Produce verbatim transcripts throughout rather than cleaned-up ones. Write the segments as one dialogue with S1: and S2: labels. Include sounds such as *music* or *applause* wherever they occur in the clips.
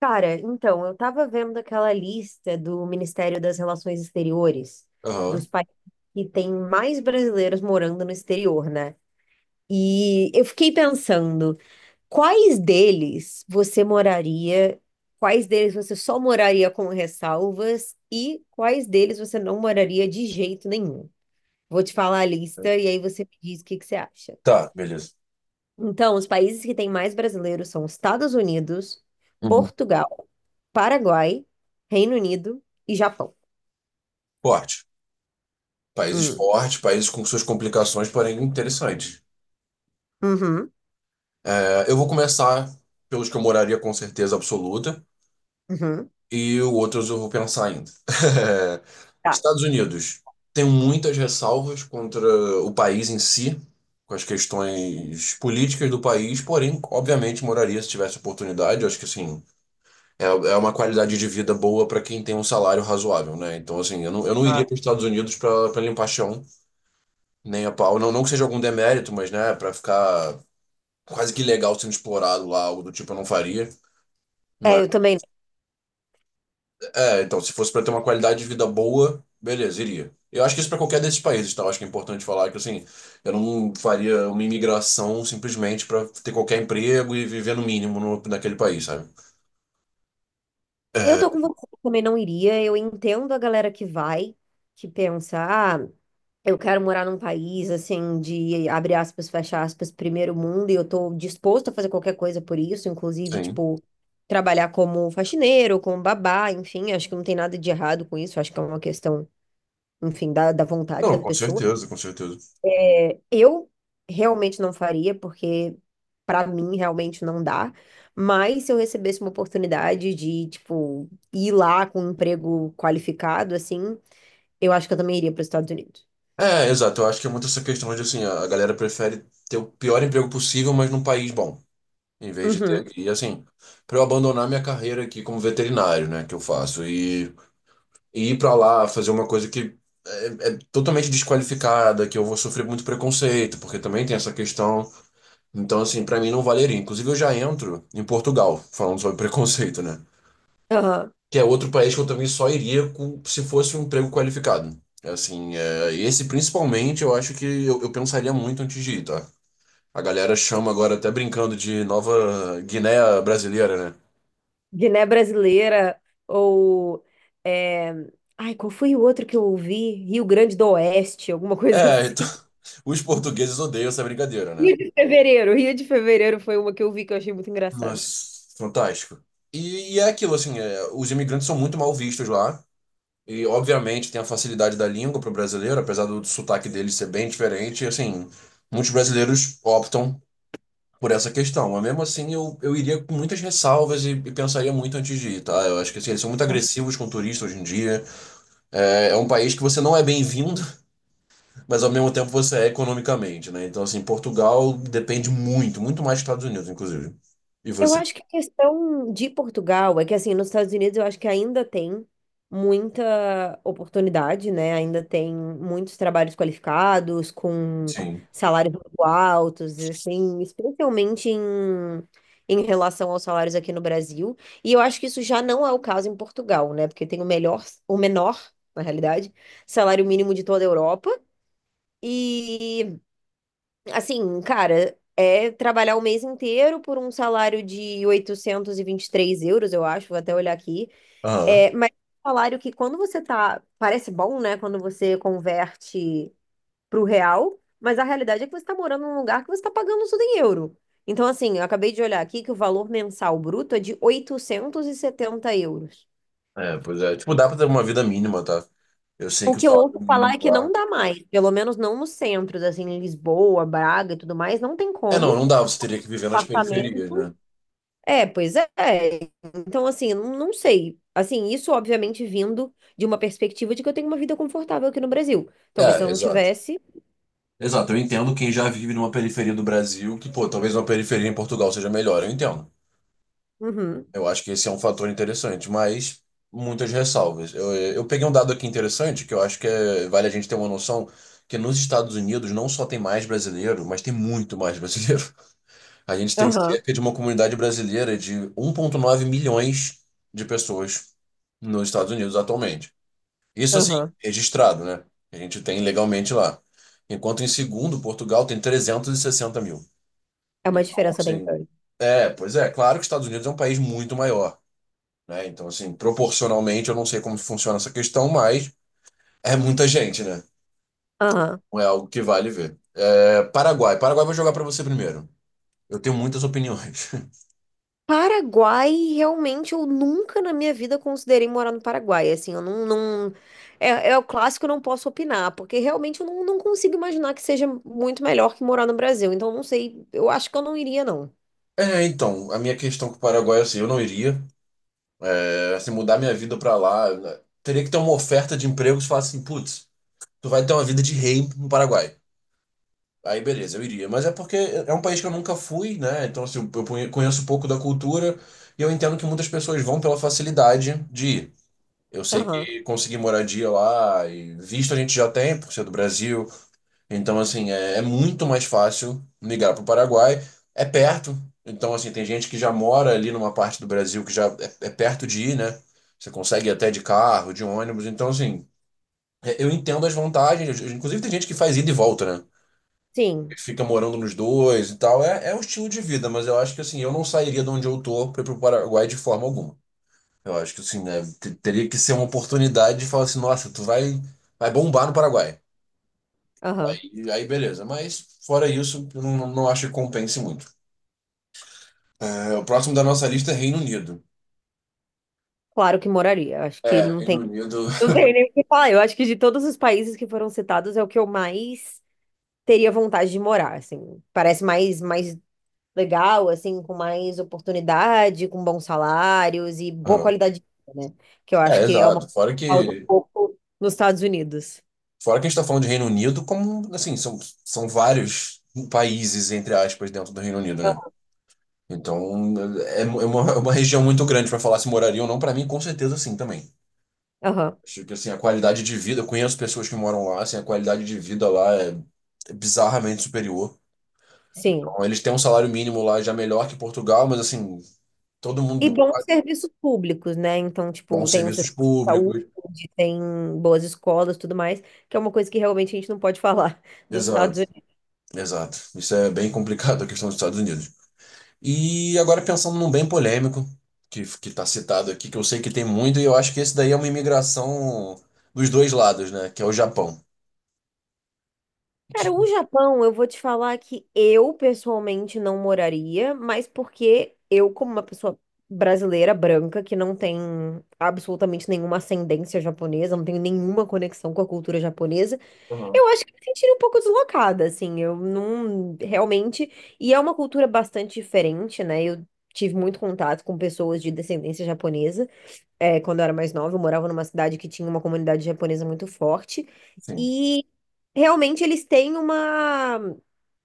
S1: Cara, então, eu tava vendo aquela lista do Ministério das Relações Exteriores, dos
S2: Aham.
S1: países que tem mais brasileiros morando no exterior, né? E eu fiquei pensando, quais deles você moraria, quais deles você só moraria com ressalvas e quais deles você não moraria de jeito nenhum? Vou te falar a lista e aí você me diz o que que você acha.
S2: Tá, beleza.
S1: Então, os países que têm mais brasileiros são Estados Unidos,
S2: Uhum.
S1: Portugal, Paraguai, Reino Unido e Japão.
S2: Esporte. Países
S1: Hum.
S2: fortes, países com suas complicações, porém interessantes.
S1: Uhum,
S2: É, eu vou começar pelos que eu moraria com certeza absoluta
S1: uhum.
S2: e os outros eu vou pensar ainda. *laughs*
S1: Tá.
S2: Estados Unidos. Tem muitas ressalvas contra o país em si, com as questões políticas do país, porém, obviamente, moraria se tivesse oportunidade. Eu acho que, assim, é, é uma qualidade de vida boa para quem tem um salário razoável, né? Então, assim, eu não, eu não
S1: Ah.
S2: iria para os Estados Unidos para limpar chão. Nem a pau. Não, não que seja algum demérito, mas, né, pra ficar quase que ilegal sendo explorado lá, algo do tipo, eu não faria.
S1: É,
S2: Mas,
S1: eu também.
S2: é, então, se fosse pra ter uma qualidade de vida boa, beleza, iria. Eu acho que isso pra qualquer desses países, tá? Eu acho que é importante falar que, assim, eu não faria uma imigração simplesmente pra ter qualquer emprego e viver no mínimo no, naquele país, sabe?
S1: Eu tô
S2: É,
S1: com você, eu também não iria. Eu entendo a galera que vai, que pensa, ah, eu quero morar num país assim de abre aspas, fecha aspas, primeiro mundo, e eu tô disposto a fazer qualquer coisa por isso, inclusive,
S2: sim.
S1: tipo, trabalhar como faxineiro, como babá, enfim, acho que não tem nada de errado com isso, acho que é uma questão enfim, da, da vontade da
S2: Não, com
S1: pessoa.
S2: certeza, com certeza.
S1: É, eu realmente não faria, porque pra mim realmente não dá. Mas se eu recebesse uma oportunidade de, tipo, ir lá com um emprego qualificado, assim, eu acho que eu também iria para os Estados Unidos.
S2: É, exato. Eu acho que é muito essa questão de, assim, a a galera prefere ter o pior emprego possível, mas num país bom. Em vez de ter
S1: Uhum.
S2: que, e assim, para eu abandonar minha carreira aqui como veterinário, né, que eu faço, e, e ir para lá fazer uma coisa que é, é totalmente desqualificada, que eu vou sofrer muito preconceito, porque também tem essa questão. Então, assim, para mim não valeria. Inclusive, eu já entro em Portugal, falando sobre *laughs* preconceito, né,
S1: Aham.
S2: que é outro país que eu também só iria com, se fosse um emprego qualificado. Assim, é, esse principalmente eu acho que eu, eu pensaria muito antes de ir, tá? A galera chama agora até brincando de Nova Guiné brasileira, né?
S1: Guiné Brasileira ou. É, ai, qual foi o outro que eu ouvi? Rio Grande do Oeste, alguma coisa
S2: É,
S1: assim.
S2: então,
S1: *laughs*
S2: *laughs* os portugueses odeiam essa brincadeira, né?
S1: Rio de Fevereiro. Rio de Fevereiro foi uma que eu vi que eu achei muito engraçada.
S2: Nossa, fantástico. E, e é aquilo, assim, é, os imigrantes são muito mal vistos lá. E, obviamente, tem a facilidade da língua para o brasileiro, apesar do sotaque dele ser bem diferente. E, assim, muitos brasileiros optam por essa questão. Mas, mesmo assim, eu, eu iria com muitas ressalvas e, e pensaria muito antes de ir, tá? Eu acho que, assim, eles são muito agressivos com turistas hoje em dia. É, é um país que você não é bem-vindo, mas ao mesmo tempo você é economicamente, né? Então, assim, Portugal depende muito, muito mais dos Estados Unidos, inclusive. E
S1: Eu
S2: você?
S1: acho que a questão de Portugal é que, assim, nos Estados Unidos eu acho que ainda tem muita oportunidade, né? Ainda tem muitos trabalhos qualificados, com
S2: Sim.
S1: salários muito altos, assim, especialmente em, em relação aos salários aqui no Brasil. E eu acho que isso já não é o caso em Portugal, né? Porque tem o melhor, o menor, na realidade, salário mínimo de toda a Europa. E assim, cara, é trabalhar o mês inteiro por um salário de oitocentos e e vinte e três euros, eu acho, vou até olhar aqui.
S2: Aham.
S1: É, mas é um salário que quando você tá, parece bom, né? Quando você converte pro real, mas a realidade é que você tá morando num lugar que você tá pagando tudo em euro. Então, assim, eu acabei de olhar aqui que o valor mensal bruto é de oitocentos e setenta euros.
S2: É, pois é. Tipo, dá pra ter uma vida mínima, tá? Eu sei
S1: O
S2: que o
S1: que eu
S2: salário
S1: ouço falar
S2: mínimo
S1: é que não
S2: lá.
S1: dá mais, pelo menos não nos centros, assim, em Lisboa, Braga e tudo mais, não tem
S2: É, não,
S1: como.
S2: não dá, você teria que viver nas periferias,
S1: Apartamento.
S2: né?
S1: É, pois é. Então, assim, eu não não sei. Assim, isso obviamente vindo de uma perspectiva de que eu tenho uma vida confortável aqui no Brasil. Talvez se eu
S2: É,
S1: não
S2: exato.
S1: tivesse.
S2: Exato, eu entendo quem já vive numa periferia do Brasil, que, pô, talvez uma periferia em Portugal seja melhor, eu entendo.
S1: Uhum.
S2: Eu acho que esse é um fator interessante, mas muitas ressalvas. Eu, eu peguei um dado aqui interessante que eu acho que é- vale a gente ter uma noção que nos Estados Unidos não só tem mais brasileiro, mas tem muito mais brasileiro. *laughs* A gente tem
S1: Aham,
S2: cerca de uma comunidade brasileira de 1,9 milhões de pessoas nos Estados Unidos atualmente. Isso assim,
S1: aham.
S2: registrado, né? A gente tem legalmente lá. Enquanto em segundo, Portugal tem 360 mil.
S1: É uma
S2: Então,
S1: diferença bem
S2: assim,
S1: grande.
S2: é, pois é, claro que os Estados Unidos é um país muito maior, né? Então, assim, proporcionalmente, eu não sei como funciona essa questão, mas é muita gente, né?
S1: Aham.
S2: Não é algo que vale ver. É, Paraguai. Paraguai eu vou jogar pra você primeiro. Eu tenho muitas opiniões. *laughs*
S1: Paraguai, realmente, eu nunca na minha vida considerei morar no Paraguai. Assim, eu não, não... É, é o clássico, eu não posso opinar, porque realmente eu não, não consigo imaginar que seja muito melhor que morar no Brasil. Então, eu não sei, eu acho que eu não iria, não.
S2: É, então, a minha questão com o Paraguai é assim, eu não iria. É, se mudar minha vida pra lá, né? Teria que ter uma oferta de emprego que falasse assim, putz, tu vai ter uma vida de rei no Paraguai. Aí, beleza, eu iria. Mas é porque é um país que eu nunca fui, né? Então, assim, eu conhe- conheço pouco da cultura e eu entendo que muitas pessoas vão pela facilidade de ir. Eu sei
S1: Aham.
S2: que conseguir moradia lá e visto a gente já tem, por ser do Brasil. Então, assim, é, é muito mais fácil migrar para o Paraguai. É perto. Então, assim, tem gente que já mora ali numa parte do Brasil que já é, é perto de ir, né? Você consegue ir até de carro, de ônibus. Então, assim, é- eu entendo as vantagens. Inclusive, tem gente que faz ida e volta, né?
S1: Sim,
S2: Que fica morando nos dois e tal. É, é um estilo de vida, mas eu acho que, assim, eu não sairia de onde eu tô para ir para o Paraguai de forma alguma. Eu acho que assim, né, te- teria que ser uma oportunidade de falar assim, nossa, tu vai, vai, bombar no Paraguai.
S1: aham.
S2: E aí, beleza. Mas fora isso, eu não, não acho que compense muito. É, o próximo da nossa lista é Reino Unido.
S1: Claro que moraria. Acho que
S2: É,
S1: não
S2: Reino
S1: tem.
S2: Unido.
S1: Não tenho nem o que falar. Eu acho que de todos os países que foram citados, é o que eu mais teria vontade de morar, assim. Parece mais, mais legal, assim, com mais oportunidade, com bons salários e boa
S2: Ah,
S1: qualidade de vida, né? Que eu acho
S2: é,
S1: que é uma
S2: exato.
S1: coisa
S2: Fora
S1: que falta um
S2: que,
S1: pouco nos Estados Unidos.
S2: fora que a gente está falando de Reino Unido, como assim, são, são vários países, entre aspas, dentro do Reino Unido, né? Então, é, é uma, é uma região muito grande para falar se moraria ou não, para mim, com certeza sim também.
S1: Aham,
S2: Acho que assim, a qualidade de vida, eu conheço pessoas que moram lá, assim, a qualidade de vida lá é é bizarramente superior.
S1: sim.
S2: Então, eles têm um salário mínimo lá já melhor que Portugal, mas assim, todo
S1: E
S2: mundo
S1: bons serviços públicos, né? Então, tipo,
S2: bons
S1: tem um
S2: serviços
S1: sistema de
S2: públicos.
S1: saúde, tem boas escolas, tudo mais, que é uma coisa que realmente a gente não pode *laughs* falar dos Estados
S2: Exato,
S1: Unidos.
S2: exato. Isso é bem complicado a questão dos Estados Unidos. E agora pensando num bem polêmico, que que está citado aqui, que eu sei que tem muito, e eu acho que esse daí é uma imigração dos dois lados, né? Que é o Japão. Que...
S1: Cara, o Japão, eu vou te falar que eu pessoalmente não moraria, mas porque eu, como uma pessoa brasileira, branca, que não tem absolutamente nenhuma ascendência japonesa, não tenho nenhuma conexão com a cultura japonesa,
S2: Aham.
S1: eu acho que me sentiria um pouco deslocada, assim, eu não realmente. E é uma cultura bastante diferente, né? Eu tive muito contato com pessoas de descendência japonesa é, quando eu era mais nova, eu morava numa cidade que tinha uma comunidade japonesa muito forte.
S2: Sim.
S1: E realmente eles têm uma,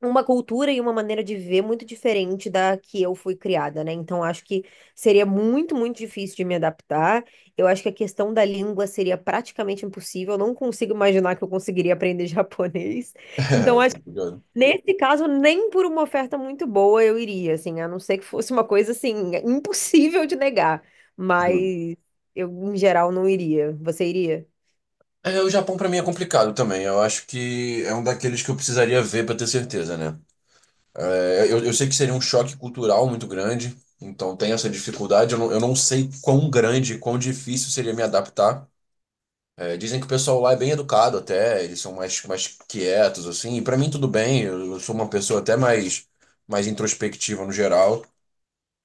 S1: uma cultura e uma maneira de viver muito diferente da que eu fui criada, né? Então acho que seria muito, muito difícil de me adaptar. Eu acho que a questão da língua seria praticamente impossível. Eu não consigo imaginar que eu conseguiria aprender *laughs* japonês.
S2: *laughs*
S1: Então
S2: É, tô
S1: acho.
S2: curioso.
S1: Nesse caso, nem por uma oferta muito boa eu iria, assim, a não ser que fosse uma coisa assim impossível de negar, mas eu em geral não iria. Você iria?
S2: É, o Japão pra mim é complicado também. Eu acho que é um daqueles que eu precisaria ver pra ter certeza, né? É, eu, eu sei que seria um choque cultural muito grande, então tem essa dificuldade. Eu não, eu não sei quão grande, quão difícil seria me adaptar. É, dizem que o pessoal lá é bem educado até, eles são mais, mais quietos, assim. E pra mim tudo bem, eu, eu sou uma pessoa até mais, mais introspectiva no geral.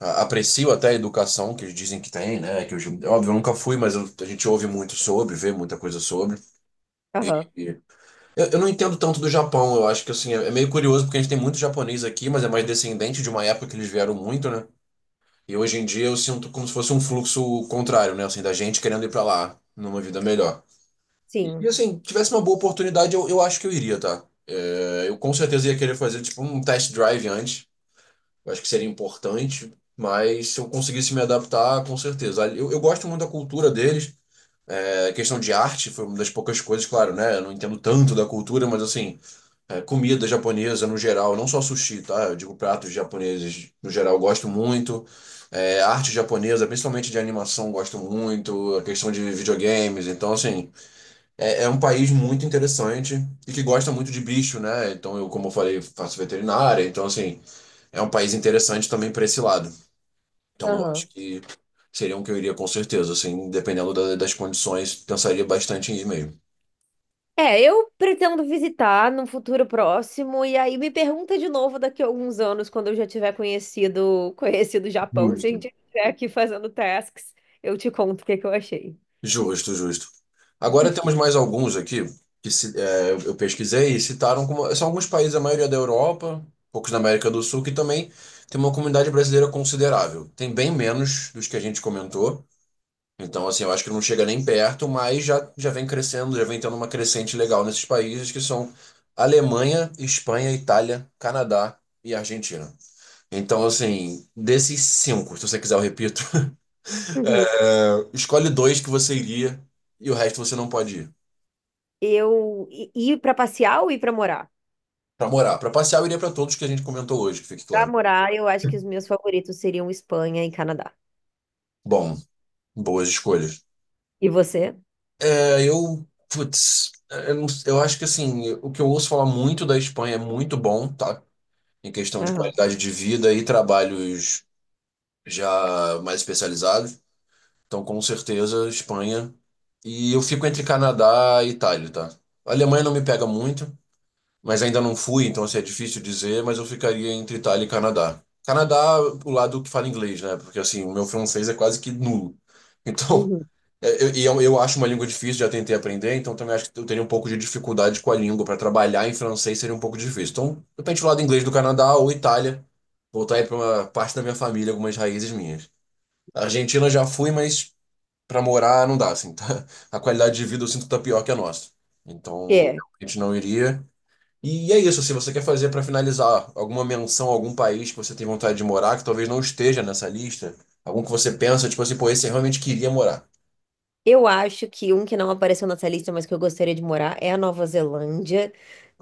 S2: A- Aprecio até a educação que eles dizem que tem, né? Que eu, óbvio, eu nunca fui, mas eu- a gente ouve muito sobre, vê muita coisa sobre.
S1: Aham.
S2: Eu, eu não entendo tanto do Japão, eu acho que assim, é é meio curioso porque a gente tem muito japonês aqui, mas é mais descendente de uma época que eles vieram muito, né? E hoje em dia eu sinto como se fosse um fluxo contrário, né? Assim, da gente querendo ir pra lá numa vida melhor. E e,
S1: Sim.
S2: assim, tivesse uma boa oportunidade, eu, eu acho que eu iria, tá? É, eu com certeza ia querer fazer tipo um test drive antes, eu acho que seria importante, mas se eu conseguisse me adaptar, com certeza. Eu, eu gosto muito da cultura deles. A questão de arte foi uma das poucas coisas, claro, né? Eu não entendo tanto da cultura, mas assim, é, comida japonesa no geral, não só sushi, tá? Eu digo pratos japoneses no geral, eu gosto muito. É, arte japonesa, principalmente de animação, gosto muito. A questão de videogames, então assim, é, é um país muito interessante e que gosta muito de bicho, né? Então eu, como eu falei, faço veterinária, então assim, é um país interessante também para esse lado. Então eu
S1: Aham.
S2: acho que seria um que eu iria com certeza, assim, dependendo da- das condições, pensaria bastante em ir mesmo.
S1: É, eu pretendo visitar num futuro próximo e aí me pergunta de novo daqui a alguns anos quando eu já tiver conhecido conhecido o Japão, se a
S2: Justo.
S1: gente estiver aqui fazendo tasks, eu te conto o que que eu achei.
S2: Justo, justo. Agora temos mais alguns aqui que se- é, eu eu pesquisei e citaram como são alguns países, a maioria é da Europa, poucos da América do Sul, que também tem uma comunidade brasileira considerável. Tem bem menos dos que a gente comentou. Então, assim, eu acho que não chega nem perto, mas já, já vem crescendo, já vem tendo uma crescente legal nesses países que são Alemanha, Espanha, Itália, Canadá e Argentina. Então, assim, desses cinco, se você quiser eu repito, *laughs*
S1: Uhum.
S2: é, escolhe dois que você iria e o resto você não pode ir.
S1: Eu e- ir para passear ou ir para morar?
S2: Pra morar. Pra passear, eu iria pra todos que a gente comentou hoje, que fique
S1: Pra
S2: claro.
S1: morar, eu acho que os meus favoritos seriam Espanha e Canadá.
S2: Bom, boas escolhas.
S1: E você?
S2: É, eu, putz, é, eu, não- eu acho que assim, o que eu ouço falar muito da Espanha é muito bom, tá? Em questão de
S1: Aham.
S2: qualidade de vida e trabalhos já mais especializados. Então, com certeza, Espanha. E eu fico entre Canadá e Itália, tá? A Alemanha não me pega muito, mas ainda não fui, então assim, é difícil dizer, mas eu ficaria entre Itália e Canadá. Canadá, o lado que fala inglês, né? Porque assim, o meu francês é quase que nulo. Então,
S1: Uhum.
S2: *laughs* é, eu, e eu, eu acho uma língua difícil, já tentei aprender, então também acho que eu teria um pouco de dificuldade com a língua. Para trabalhar em francês seria um pouco difícil. Então, de repente, o lado inglês do Canadá ou Itália, voltar aí para uma parte da minha família, algumas raízes minhas. A Argentina já fui, mas para morar não dá, assim, tá? *laughs* A qualidade de vida eu sinto que tá pior que a nossa. Então,
S1: É.
S2: a gente não iria. E é isso, se você quer fazer para finalizar alguma menção a algum país que você tem vontade de morar, que talvez não esteja nessa lista, algum que você pensa, tipo assim, pô, esse eu realmente queria morar.
S1: Eu acho que um que não apareceu nessa lista, mas que eu gostaria de morar, é a Nova Zelândia.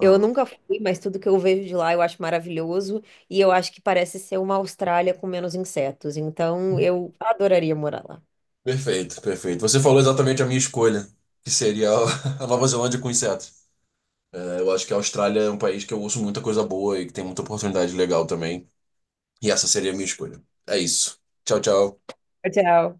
S1: Eu nunca fui, mas tudo que eu vejo de lá eu acho maravilhoso. E eu acho que parece ser uma Austrália com menos insetos. Então eu adoraria morar lá.
S2: Perfeito, perfeito. Você falou exatamente a minha escolha, que seria a *laughs* a Nova Zelândia com insetos. É, eu acho que a Austrália é um país que eu ouço muita coisa boa e que tem muita oportunidade legal também. E essa seria a minha escolha. É isso. Tchau, tchau.
S1: Tchau.